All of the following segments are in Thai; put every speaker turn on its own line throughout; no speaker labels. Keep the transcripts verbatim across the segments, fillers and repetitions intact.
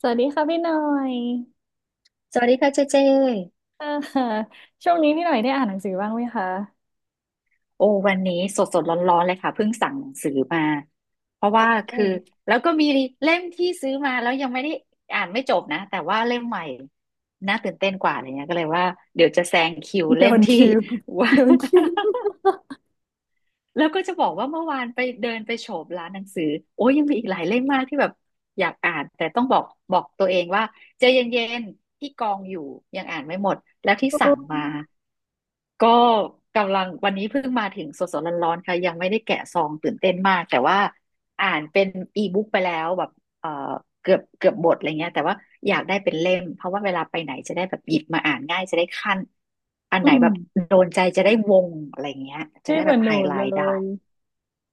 สวัสดีค่ะพี่หน่อย
สวัสดีค่ะเจเจ
อ่าช่วงนี้พี่หน่อยได้อ่านหนังสือบ้างไหมคะ
โอ้วันนี้สดสดร้อนร้อนๆเลยค่ะเพิ่งสั่งหนังสือมาเพราะว่า
โอ้
คือแล้วก็มีเล่มที่ซื้อมาแล้วยังไม่ได้อ่านไม่จบนะแต่ว่าเล่มใหม่น่าตื่นเต้นกว่าอะไรเงี้ยก็เลยว่าเดี๋ยวจะแซงคิว
โด
เล่ม
น
ที่
ทิว
ว่า
โดนทิว
แล้วก็จะบอกว่าเมื่อวานไปเดินไปโฉบร้านหนังสือโอ้ยยังมีอีกหลายเล่มมากที่แบบอยากอ่านแต่ต้องบอกบอกตัวเองว่าใจเย็นๆที่กองอยู่ยังอ่านไม่หมดแล้วที่สั่ง
โอ
มาก็กำลังวันนี้เพิ่งมาถึงสดๆร้อนๆค่ะยังไม่ได้แกะซองตื่นเต้นมากแต่ว่าอ่านเป็นอีบุ๊กไปแล้วแบบเอ่อ เกือบเกือบบทอะไรเงี้ยแต่ว่าอยากได้เป็นเล่มเพราะว่าเวลาไปไหนจะได้แบบหยิบมาอ่านง่ายจะได้ขั้นอัน
อื
ไหนแบ
ม
บโดนใจจะได้วงอะไรเงี้ยจะ
พี่
ได้
เห
แบ
มือ
บ
นห
ไฮ
นู
ไล
เล
ท์ได้
ย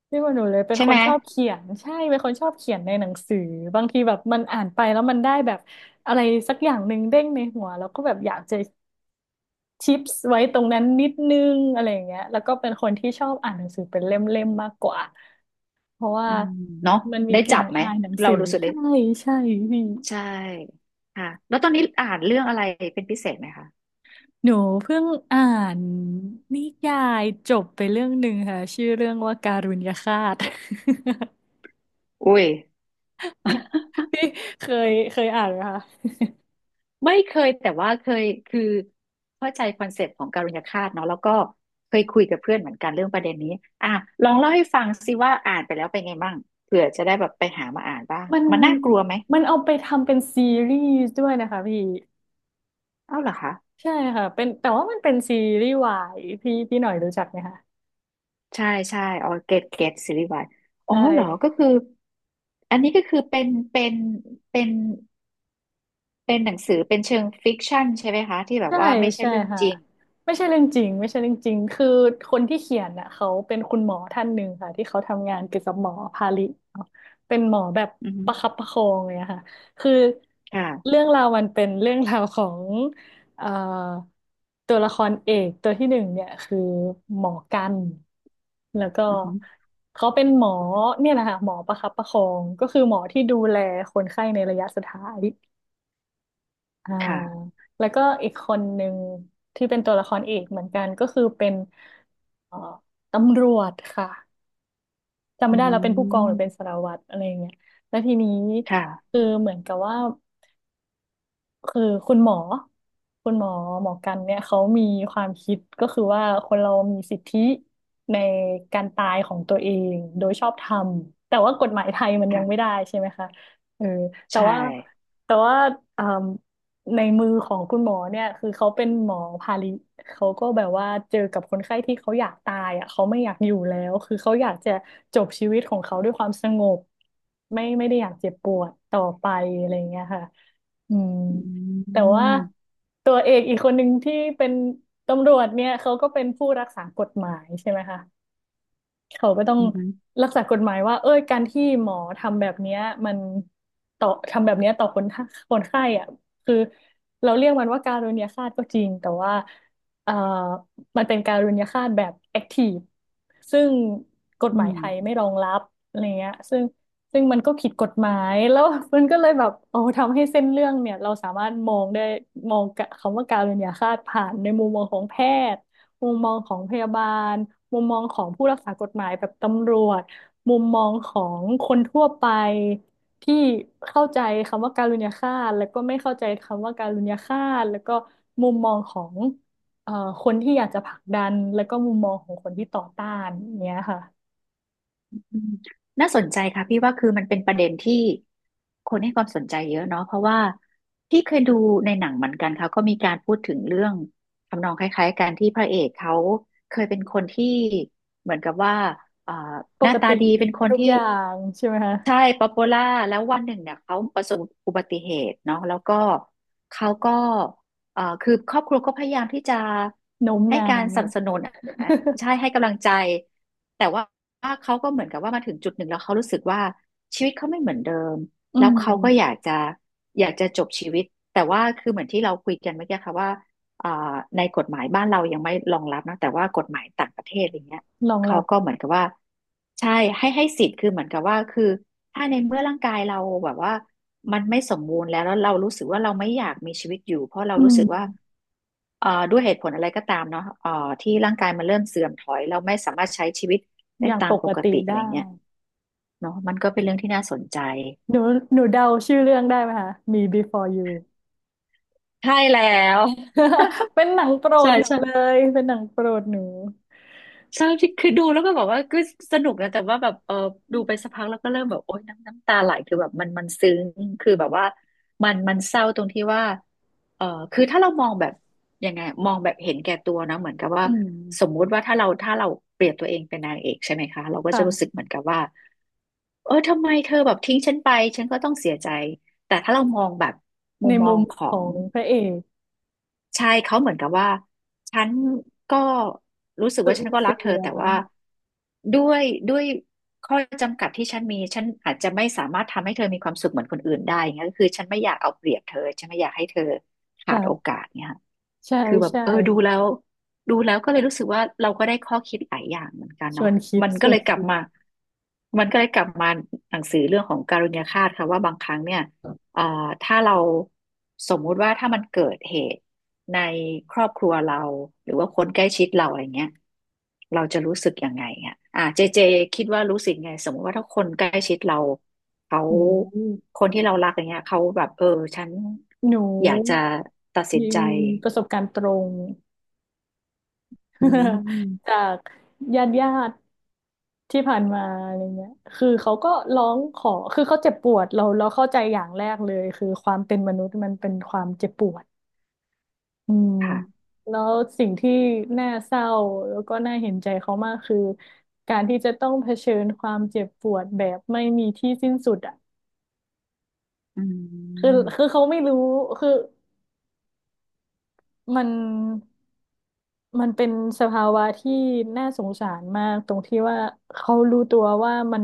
พี่เหมือนหนูเลยเป็น
ใช่
ค
ไหม
นชอบเขียนใช่เป็นคนชอบเขียนในหนังสือบางทีแบบมันอ่านไปแล้วมันได้แบบอะไรสักอย่างหนึ่งเด้งในหัวแล้วก็แบบอยากจะชิปส์ไว้ตรงนั้นนิดนึงอะไรอย่างเงี้ยแล้วก็เป็นคนที่ชอบอ่านหนังสือเป็นเล่มๆมากกว่าเพราะว่า
อืมเนาะ
มันมี
ได้
กลิ่
จั
น
บไหม
อายหนัง
เรา
สือ
รู้สึกได้
ใช่ใช่พี่
ใช่ค่ะแล้วตอนนี้อ่านเรื่องอะไรเป็นพิเศษไหมคะ
หนูเพิ่งอ่านนิยายจบไปเรื่องหนึ่งค่ะชื่อเรื่องว่าการุณยฆาต
อุ้ย
พี่เคยเคยอ่านไหมคะ
ไม่เคยแต่ว่าเคยคือเข้าใจคอนเซปต์ของการุญฆาตเนาะแล้วก็เคยคุยกับเพื่อนเหมือนกันเรื่องประเด็นนี้อ่ะลองเล่าให้ฟังสิว่าอ่านไปแล้วเป็นไงบ้างเผื่อจะได้แบบไปหามาอ่านบ้าง
มัน
มันน่ากลัวไหม
มันเอาไปทำเป็นซีรีส์ด้วยนะคะพี่
เอ้าเหรอคะ
ใช่ค่ะเป็นแต่ว่ามันเป็นซีรีส์วายพี่พี่หน่อยรู้จักไหมคะ
ใช่ใช่อ๋อเกตเกตซีรีส์วายอ๋อ
ใช่
เหรอก็คืออันนี้ก็คือเป็นเป็นเป็นเป็นหนังสือเป็นเชิงฟิกชันใช่ไหมคะที่แบบ
ใช่
ว่าไม่ใช่
ใช่
เรื่อง
ค่ะ
จริง
ไม่ใช่เรื่องจริงไม่ใช่เรื่องจริงคือคนที่เขียนน่ะเขาเป็นคุณหมอท่านหนึ่งค่ะที่เขาทำงานเกี่ยวกับหมอพาลิเนาะเป็นหมอแบบ
อือฮึ
ประคับประคองเลยอะค่ะคือ
ค่ะ
เรื่องราวมันเป็นเรื่องราวของเอ่อตัวละครเอกตัวที่หนึ่งเนี่ยคือหมอกันแล้วก็
อือฮึ
เขาเป็นหมอเนี่ยนะคะหมอประคับประคองก็คือหมอที่ดูแลคนไข้ในระยะสุดท้าย อ่า
ค่ะ
แล้วก็อีกคนหนึ่งที่เป็นตัวละครเอกเหมือนกันก็คือเป็นเอ่อตำรวจค่ะจำ
อื
ไม่ได้แล้วเป็นผู้กองหรือเป็น
ม
สารวัตรอะไรอย่างเงี้ยแล้วทีนี้
ค่ะ
คือเหมือนกับว่า คือคุณหมอคุณหมอหมอกันเนี่ยเขามีความคิดก็คือว่าคนเรามีสิทธิในการตายของตัวเองโดยชอบธรรมแต่ว่ากฎหมายไทยมันยังไม่
ค่ะ
ได้ใช่ไหมคะเออแต่
ใช่
ว่าแต่ว่าอ่าในมือของคุณหมอเนี่ยคือเขาเป็นหมอพาลิเขาก็แบบว่าเจอกับคนไข้ที่เขาอยากตายอ่ะเขาไม่อยากอยู่แล้วคือเขาอยากจะจบชีวิตของเขาด้วยความสงบไม่ไม่ได้อยากเจ็บปวดต่อไปอะไรอย่างเงี้ยค่ะอืม
อื
แต่ว่า
ม
ตัวเอกอีกคนหนึ่งที่เป็นตำรวจเนี่ยเขาก็เป็นผู้รักษากฎหมายใช่ไหมคะ เขาก็ต้อง
อืม
รักษากฎหมายว่าเอ้ยการที่หมอทำแบบเนี้ยมันต่อทำแบบเนี้ยต่อคนไข้คนไข้อ่ะคือเราเรียกมันว่าการุณยฆาตก็จริงแต่ว่าเอ่อมันเป็นการุณยฆาตแบบแอคทีฟซึ่งกฎหมายไทยไม่รองรับอะไรเงี้ยซึ่งซึ่งมันก็ผิดกฎหมายแล้ว มันก็เลยแบบโอ้ทำให้เส้นเรื่องเนี่ยเราสามารถมองได้มองกะคำว่าการุณยฆาตผ่านในมุมมองของแพทย์ มุมมองของพยาบาล มุมมองของผู้รักษากฎหมายแบบตำรวจ มุมมองของคนทั่วไปที่เข้าใจคำว่าการุณยฆาตแล้วก็ไม่เข้าใจคำว่าการุณยฆาตแล้วก็มุมมองของเอ่อคนที่อยากจะผลักดันแล้วก็มุมมองของคนที่ต่อต้านอย่างเนี้ยค่ะ
อืมน่าสนใจค่ะพี่ว่าคือมันเป็นประเด็นที่คนให้ความสนใจเยอะเนาะเพราะว่าพี่เคยดูในหนังเหมือนกันค่ะก็มีการพูดถึงเรื่องทำนองคล้ายๆกันที่พระเอกเขาเคยเป็นคนที่เหมือนกับว่าเอ่อ
ป
หน้า
ก
ตา
ติ
ดี
ดี
เป็นคน
ทุก
ที่
อย่างใช่ไหมคะ
ใช่ป๊อปปูล่าแล้ววันหนึ่งเนี่ยเขาประสบอุบัติเหตุเนาะแล้วก็เขาก็เอ่อคือครอบครัวก็พยายามที่จะ
โน้ม
ให้
น้า
การ
ว
สนับสนุนอ่ะใช่ให้กำลังใจแต่ว่าเขาก็เหมือนกับว่ามาถึงจุดหนึ่งแล้วเขารู้สึกว่าชีวิตเขาไม่เหมือนเดิม
อื
แล้ว
ม
เขาก็อยากจะอยากจะจบชีวิตแต่ว่าคือเหมือนที่เราคุยกันเมื่อกี้ค่ะว่าอ่าในกฎหมายบ้านเรายังไม่รองรับนะแต่ว่ากฎหมายต่างประเทศอะไรเงี้ย
รอง
เขา
รับ
ก็เหมือนกับว่าใช่ให้ให้สิทธิ์คือเหมือนกับว่าคือ ถ้าในเมื่อร่างกายเราแบบว่ามันไม่สมบูรณ์แล้วแล้วเรารู้สึกว่าเราไม่อยากมีชีวิตอยู่เพราะเรา
อื
รู้สึกว่า
ม
เอ่อด้วยเหตุผลอะไรก็ตามเนาะเอ่อที่ร่างกายมันเริ่มเสื่อมถอยเราไม่สามารถใช้ชีวิต
อ
ได้
ย่าง
ตา
ป
มป
ก
ก
ติ
ติอะ
ได้
ไรเงี้ยเนาะมันก็เป็นเรื่องที่น่าสนใจ
หนูหนูเดาชื่อเรื่องได้ไหมคะมี Before You
ใช่แล้ว
เป็นหนังโปร
ใช่
ดหนู
ใช่
เลยเป็นหนังโปรดหนู
ใช่ที่คือดูแล้วก็แบบว่าก็สนุกนะแต่ว่าแบบเออดูไปสักพักแล้วก็เริ่มแบบโอ๊ยน้ำน้ำตาไหลคือแบบมันมันซึ้งคือแบบว่ามันมันเศร้าตรงที่ว่าเออคือถ้าเรามองแบบยังไงมองแบบเห็นแก่ตัวนะเหมือนกับว่า
อืม
สมมุติว่าถ้าเราถ้าเราเปรียบตัวเองเป็นนางเอกใช่ไหมคะเราก็จะรู้สึก
ค่ะ
เหมือนกับว่าเออทำไมเธอแบบทิ้งฉันไปฉันก็ต้องเสียใจแต่ถ้าเรามองแบบมุ
ใน
มมอ
มุ
ง
ม
ข
ข
อ
อ
ง
งพระเอก
ใช่เขาเหมือนกับว่าฉันก็รู้สึก
สู
ว่าฉัน
ญ
ก็รั
เสี
กเธอ
ย
แต่ว่าด้วยด้วยข้อจำกัดที่ฉันมีฉันอาจจะไม่สามารถทำให้เธอมีความสุขเหมือนคนอื่นได้อย่างเงี้ยก็คือฉันไม่อยากเอาเปรียบเธอฉันไม่อยากให้เธอขาดโอ
ค่ะ
กาสเนี่ยค่ะ
ใช่
คือแบบ
ใช่
เออดูแล้วดูแล้วก็เลยรู้สึกว่าเราก็ได้ข้อคิดหลายอย่างเหมือนกัน
ช
เนาะ
วนคิด
มัน
ช
ก็
ว
เล
น
ยกลับ
คิด
มามันก็เลยกลับมาหนังสือเรื่องของการุญยฆาตค่ะว่าบางครั้งเนี่ย เอ่อถ้าเราสมมุติว่าถ้ามันเกิดเหตุในครอบครัวเราหรือว่าคนใกล้ชิดเราอะไรเงี้ยเราจะรู้สึกยังไงอ่ะอ่าเจเจคิดว่ารู้สึกไงสมมติว่าถ้าคนใกล้ชิดเราเขา
โอ้ย
คนที่เรารักอย่างเงี้ยเขาแบบเออฉัน
หนู
อยากจะตัดสิน
มี
ใจ
ประสบการณ์ตรง
อื
จา
ม
กญาติญาติที่ผ่านมาอะไรเงี้ยคือเขาก็ร้องขอคือเขาเจ็บปวดเราเราเข้าใจอย่างแรกเลยคือความเป็นมนุษย์มันเป็นความเจ็บปวด อืม
ค่ะ
แล้วสิ่งที่น่าเศร้าแล้วก็น่าเห็นใจเขามากคือการที่จะต้องเผชิญความเจ็บปวดแบบไม่มีที่สิ้นสุดอ่ะ
อื
คือ
ม
คือเขาไม่รู้คือมันมันเป็นสภาวะที่น่าสงสารมากตรงที่ว่าเขารู้ตัวว่ามัน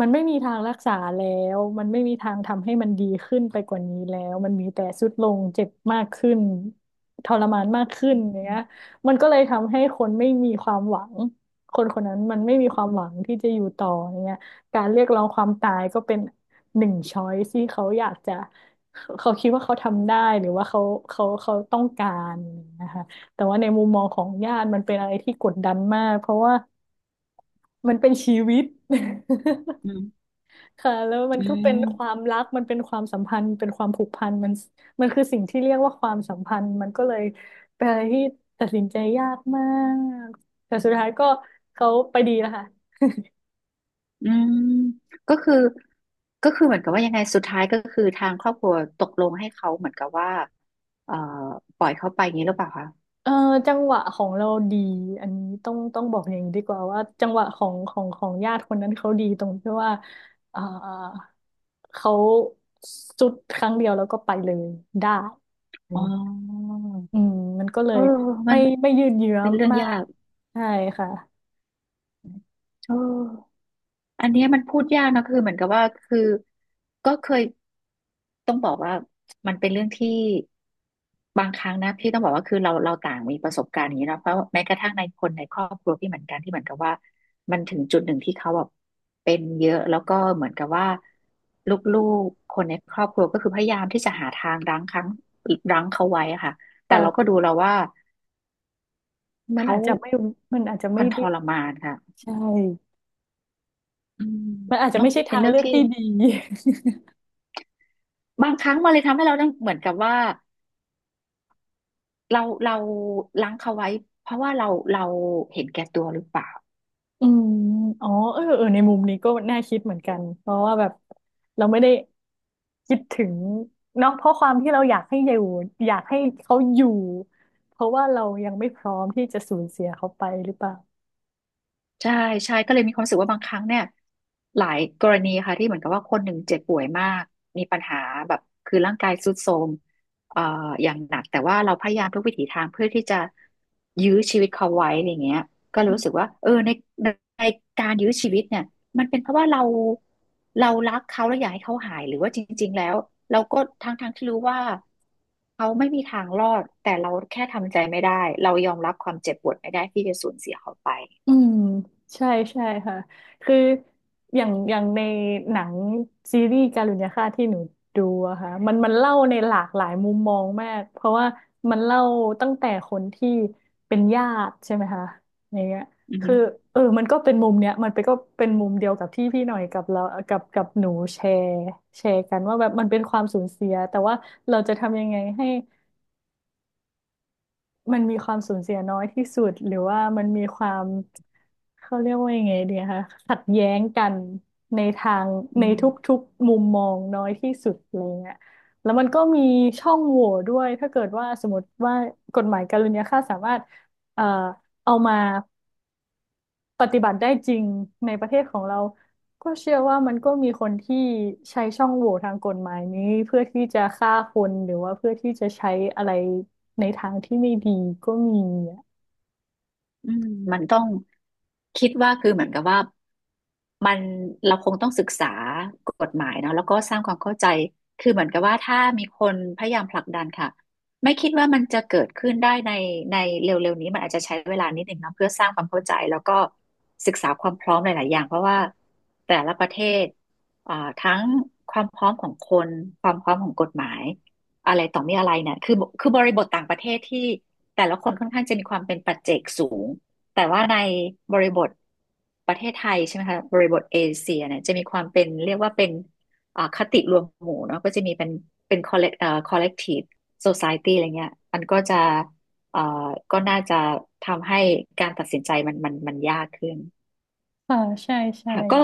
มันไม่มีทางรักษาแล้ว มันไม่มีทางทำให้มันดีขึ้นไปกว่านี้แล้วมันมีแต่ทรุดลงเจ็บมากขึ้นทรมานมากขึ้นอย่างเงี้ยมันก็เลยทำให้คนไม่มีความหวังคนคนนั้นมันไม่มีความหวังที่จะอยู่ต่ออย่างเงี้ยการเรียกร้องความตายก็เป็นหนึ่งช้อยที่เขาอยากจะเขาเขาคิดว่าเขาทำได้หรือว่าเขาเขาเขาต้องการนะคะแต่ว่าในมุมมองของญาติมันเป็นอะไรที่กดดันมากเพราะว่ามันเป็นชีวิต
อื ม
ค่ะแล้วมัน
อื
ก็เป็นควา
ม
มรักมันเป็นความสัมพันธ์เป็นความผูกพันมันมันคือสิ่งที่เรียกว่าความสัมพันธ์มันก็เลยเป็นอะไรที่ตัดสินใจยากมากแต่สุดท้ายก็เขาไปดีแล้วค่ะ
อืมก็คือก็คือเหมือนกับว่ายังไงสุดท้ายก็คือทางครอบครัวตกลงให้เขาเหมือนกับว่าเอ่อปล่อยเขาไปอย่างนี้หรือเปล่าคะ
เออจังหวะของเราดีอันนี้ต้องต้องบอกอย่างนี้ดีกว่าว่าจังหวะของของของญาติคนนั้นเขาดีตรงที่ว่าเออเขาสุดครั้งเดียวแล้วก็ไปเลยได้
อ๋อ
อืมมันก็เล
เออ
ย
มั
ไม่
น
ไม่ยืดเยื้อ
เป็นเรื่อง
มา
ยา
ก
ก
ใช่ค่ะ
เออ อันเนี้ยมันพูดยากนะคือเหมือนกับว่าคือก็เคยต้องบอกว่ามันเป็นเรื่องที่บางครั้งนะพี่ต้องบอกว่าคือเราเราต่างมีประสบการณ์อย่างนี้เนอะเพราะแม้กระทั่งในคนในครอบครัวพี่เหมือนกันที่เหมือนกับว่ามันถึงจุดหนึ่งที่เขาแบบเป็นเยอะแล้วก็เหมือนกับว่าลูกๆคนในครอบครัวก็คือพยายามที่จะหาทางรั้งครั้งรั้งเขาไว้อะค่ะแต่เราก็
เอ
ดูแล้วว่า
อมัน
เขา
อาจจะไม่มันอาจจะไม่
มันท
ได้
รมานค่ะ
ใช่
อืม
มันอาจจะ
เนาะ
ไม่ใช่
เป็น
ทาง
เรื่อง
เลือก
ที่
ที่ดี
บางครั้งมันเลยทำให้เราต้องเหมือนกับว่าเราเราล้างเขาไว้เพราะว่าเราเราเห็นแก่ตัวหรือเปล่า
อืมอ๋อเออเออในมุมนี้ก็น่าคิดเหมือนกัน เพราะว่าแบบเราไม่ได้คิดถึงเนาะเพราะความที่เราอยากให้อยู่อยากให้เขาอยู่เพราะว่าเรายังไม่พร้อมที่จะสูญเสียเขาไปหรือเปล่า
ใช่ใช่ก็เลยมีความรู้สึกว่าบางครั้งเนี่ยหลายกรณีค่ะที่เหมือนกับว่าคนหนึ่งเจ็บป่วยมากมีปัญหาแบบคือร่างกายทรุดโทรมเอ่ออย่างหนักแต่ว่าเราพยายามทุกวิถีทางเพื่อที่จะยื้อชีวิตเขาไว้อะไรเงี้ยก็เลยรู้สึกว่าเออในในในการยื้อชีวิตเนี่ยมันเป็นเพราะว่าเราเรารักเขาแล้วอยากให้เขาหายหรือว่าจริงๆแล้วเราก็ทั้งทั้งที่รู้ว่าเขาไม่มีทางรอดแต่เราแค่ทำใจไม่ได้เรายอมรับความเจ็บปวดไม่ได้ที่จะสูญเสียเขาไป
อืมใช่ใช่ค่ะคืออย่างอย่างในหนังซีรีส์การุณยฆาตที่หนูดูอะค่ะมันมันเล่าในหลากหลายมุมมองมากเพราะว่ามันเล่าตั้งแต่คนที่เป็นญาติใช่ไหมคะอย่างเงี้ย
อื
คือ
ม
เออมันก็เป็นมุมเนี้ยมันไปก็เป็นมุมเดียวกับที่พี่หน่อยกับเรากับกับหนูแชร์แชร์กันว่าแบบมันเป็นความสูญเสียแต่ว่าเราจะทำยังไงให้ มันมีความสูญเสียน้อยที่สุดหรือว่ามันมีความเขาเรียกว่ายังไงดีคะขัดแย้งกันในทาง
อื
ในท
ม
ุกๆมุมมองน้อยที่สุดอะไรเงี้ยแล้วมันก็มีช่องโหว่ด้วยถ้าเกิดว่าสมมติว่ากฎหมายการุญยฆาตสามารถเอ่อเอามาปฏิบัติได้จริงในประเทศของเราก็เชื่อว่ามันก็มีคนที่ใช้ช่องโหว่ทางกฎหมายนี้เพื่อที่จะฆ่าคนหรือว่าเพื่อที่จะใช้อะไรในทางที่ไม่ดีก็มี
อืมมันต้องคิดว่าคือเหมือนกับว่ามันเราคงต้องศึกษากฎหมายเนาะแล้วก็สร้างความเข้าใจคือเหมือนกับว่าถ้ามีคนพยายามผลักดันค่ะไม่คิดว่ามันจะเกิดขึ้นได้ในในเร็วๆนี้มันอาจจะใช้เวลานิดหนึ่งเนาะเพื่อสร้างความเข้าใจแล้วก็ศึกษาความพร้อมหลายๆอย่างเพราะว่าแต่ละประเทศอ่าทั้งความพร้อมของคนความพร้อมของกฎหมายอะไรต่อมีอะไรเนี่ยคือคือบริบทต่างประเทศที่ แต่ละคนค่อนข้างจะมีความเป็นปัจเจกสูง แต่ว่าในบริบทประเทศไทยใช่ไหมคะบริบทเอเชียเนี่ยจะมีความเป็นเรียกว่าเป็นอ่าคติรวมหมู่เนาะก็จะมีเป็นเป็นคอลเลกเอ่อคอลเลกทีฟโซซายตี้อะไรเงี้ยมันก็จะเอ่อก็น่าจะทำให้การตัดสินใจมันมันมันยากขึ้น
ค่ะใช่ใช่
ค่ะก็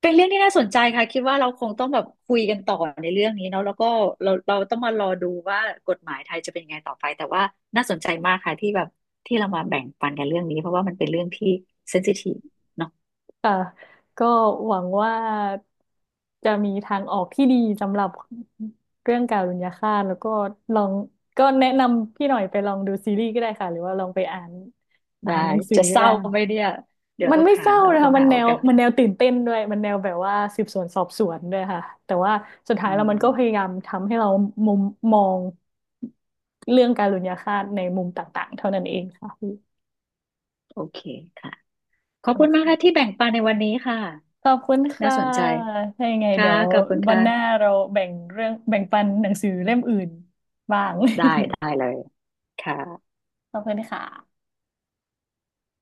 เป็นเรื่องที่น่าสนใจค่ะคิดว่าเราคงต้องแบบคุยกันต่อในเรื่องนี้เนาะแล้วก็เราเราต้องมารอดูว่ากฎหมายไทยจะเป็นยังไงต่อไปแต่ว่าน่าสนใจมากค่ะที่แบบที่เรามาแบ่งปันกันเรื่องนี้เพราะว่ามันเป็นเรื่องที่เซนซิทีฟเนาะ
ค่ะก็หวังว่าจะมีทางออกที่ดีสำหรับเรื่องการุญยฆาตแล้วก็ลองก็แนะนำพี่หน่อยไปลองดูซีรีส์ก็ได้ค่ะหรือว่าลองไปอ่านอ่า
ได้
นหนังสือ
จะ
ก็
เศร้า
ได้
ไหมเนี่ยเดี๋ยว
มัน
ต้อง
ไม่
หา
เศร้า
แล้ว
นะ
ต้อ
คะ
ง
มั
หา
นแน
เอ
ว
กา
มันแน
เ
วตื่นเต้นด้วยมันแนวแบบว่าสืบสวนสอบสวนด้วยค่ะแต่ว่าสุดท้า
อื
ยแล้วมันก็พยา
ม
ยามทำให้เรามุมมองเรื่องการุญยฆาตในมุมต่างๆเท่านั้นเองค่ะพี่
โอเคค่ะขอบคุณมากค่ะที่แบ่งปันในวันนี้ค่ะ
ขอบคุณ
น่า
ค่ะ
สนใจ
ถ้ายังไง
ค่ะ
เดี๋ยว
ขอบคุณ
วันหน้า
ค่ะ
เราแบ่งเรื่องแบ่งปันหนังสือเล่มอื่นบ้าง
ได้ได้เลยค่ะ
ขอบคุณค่ะ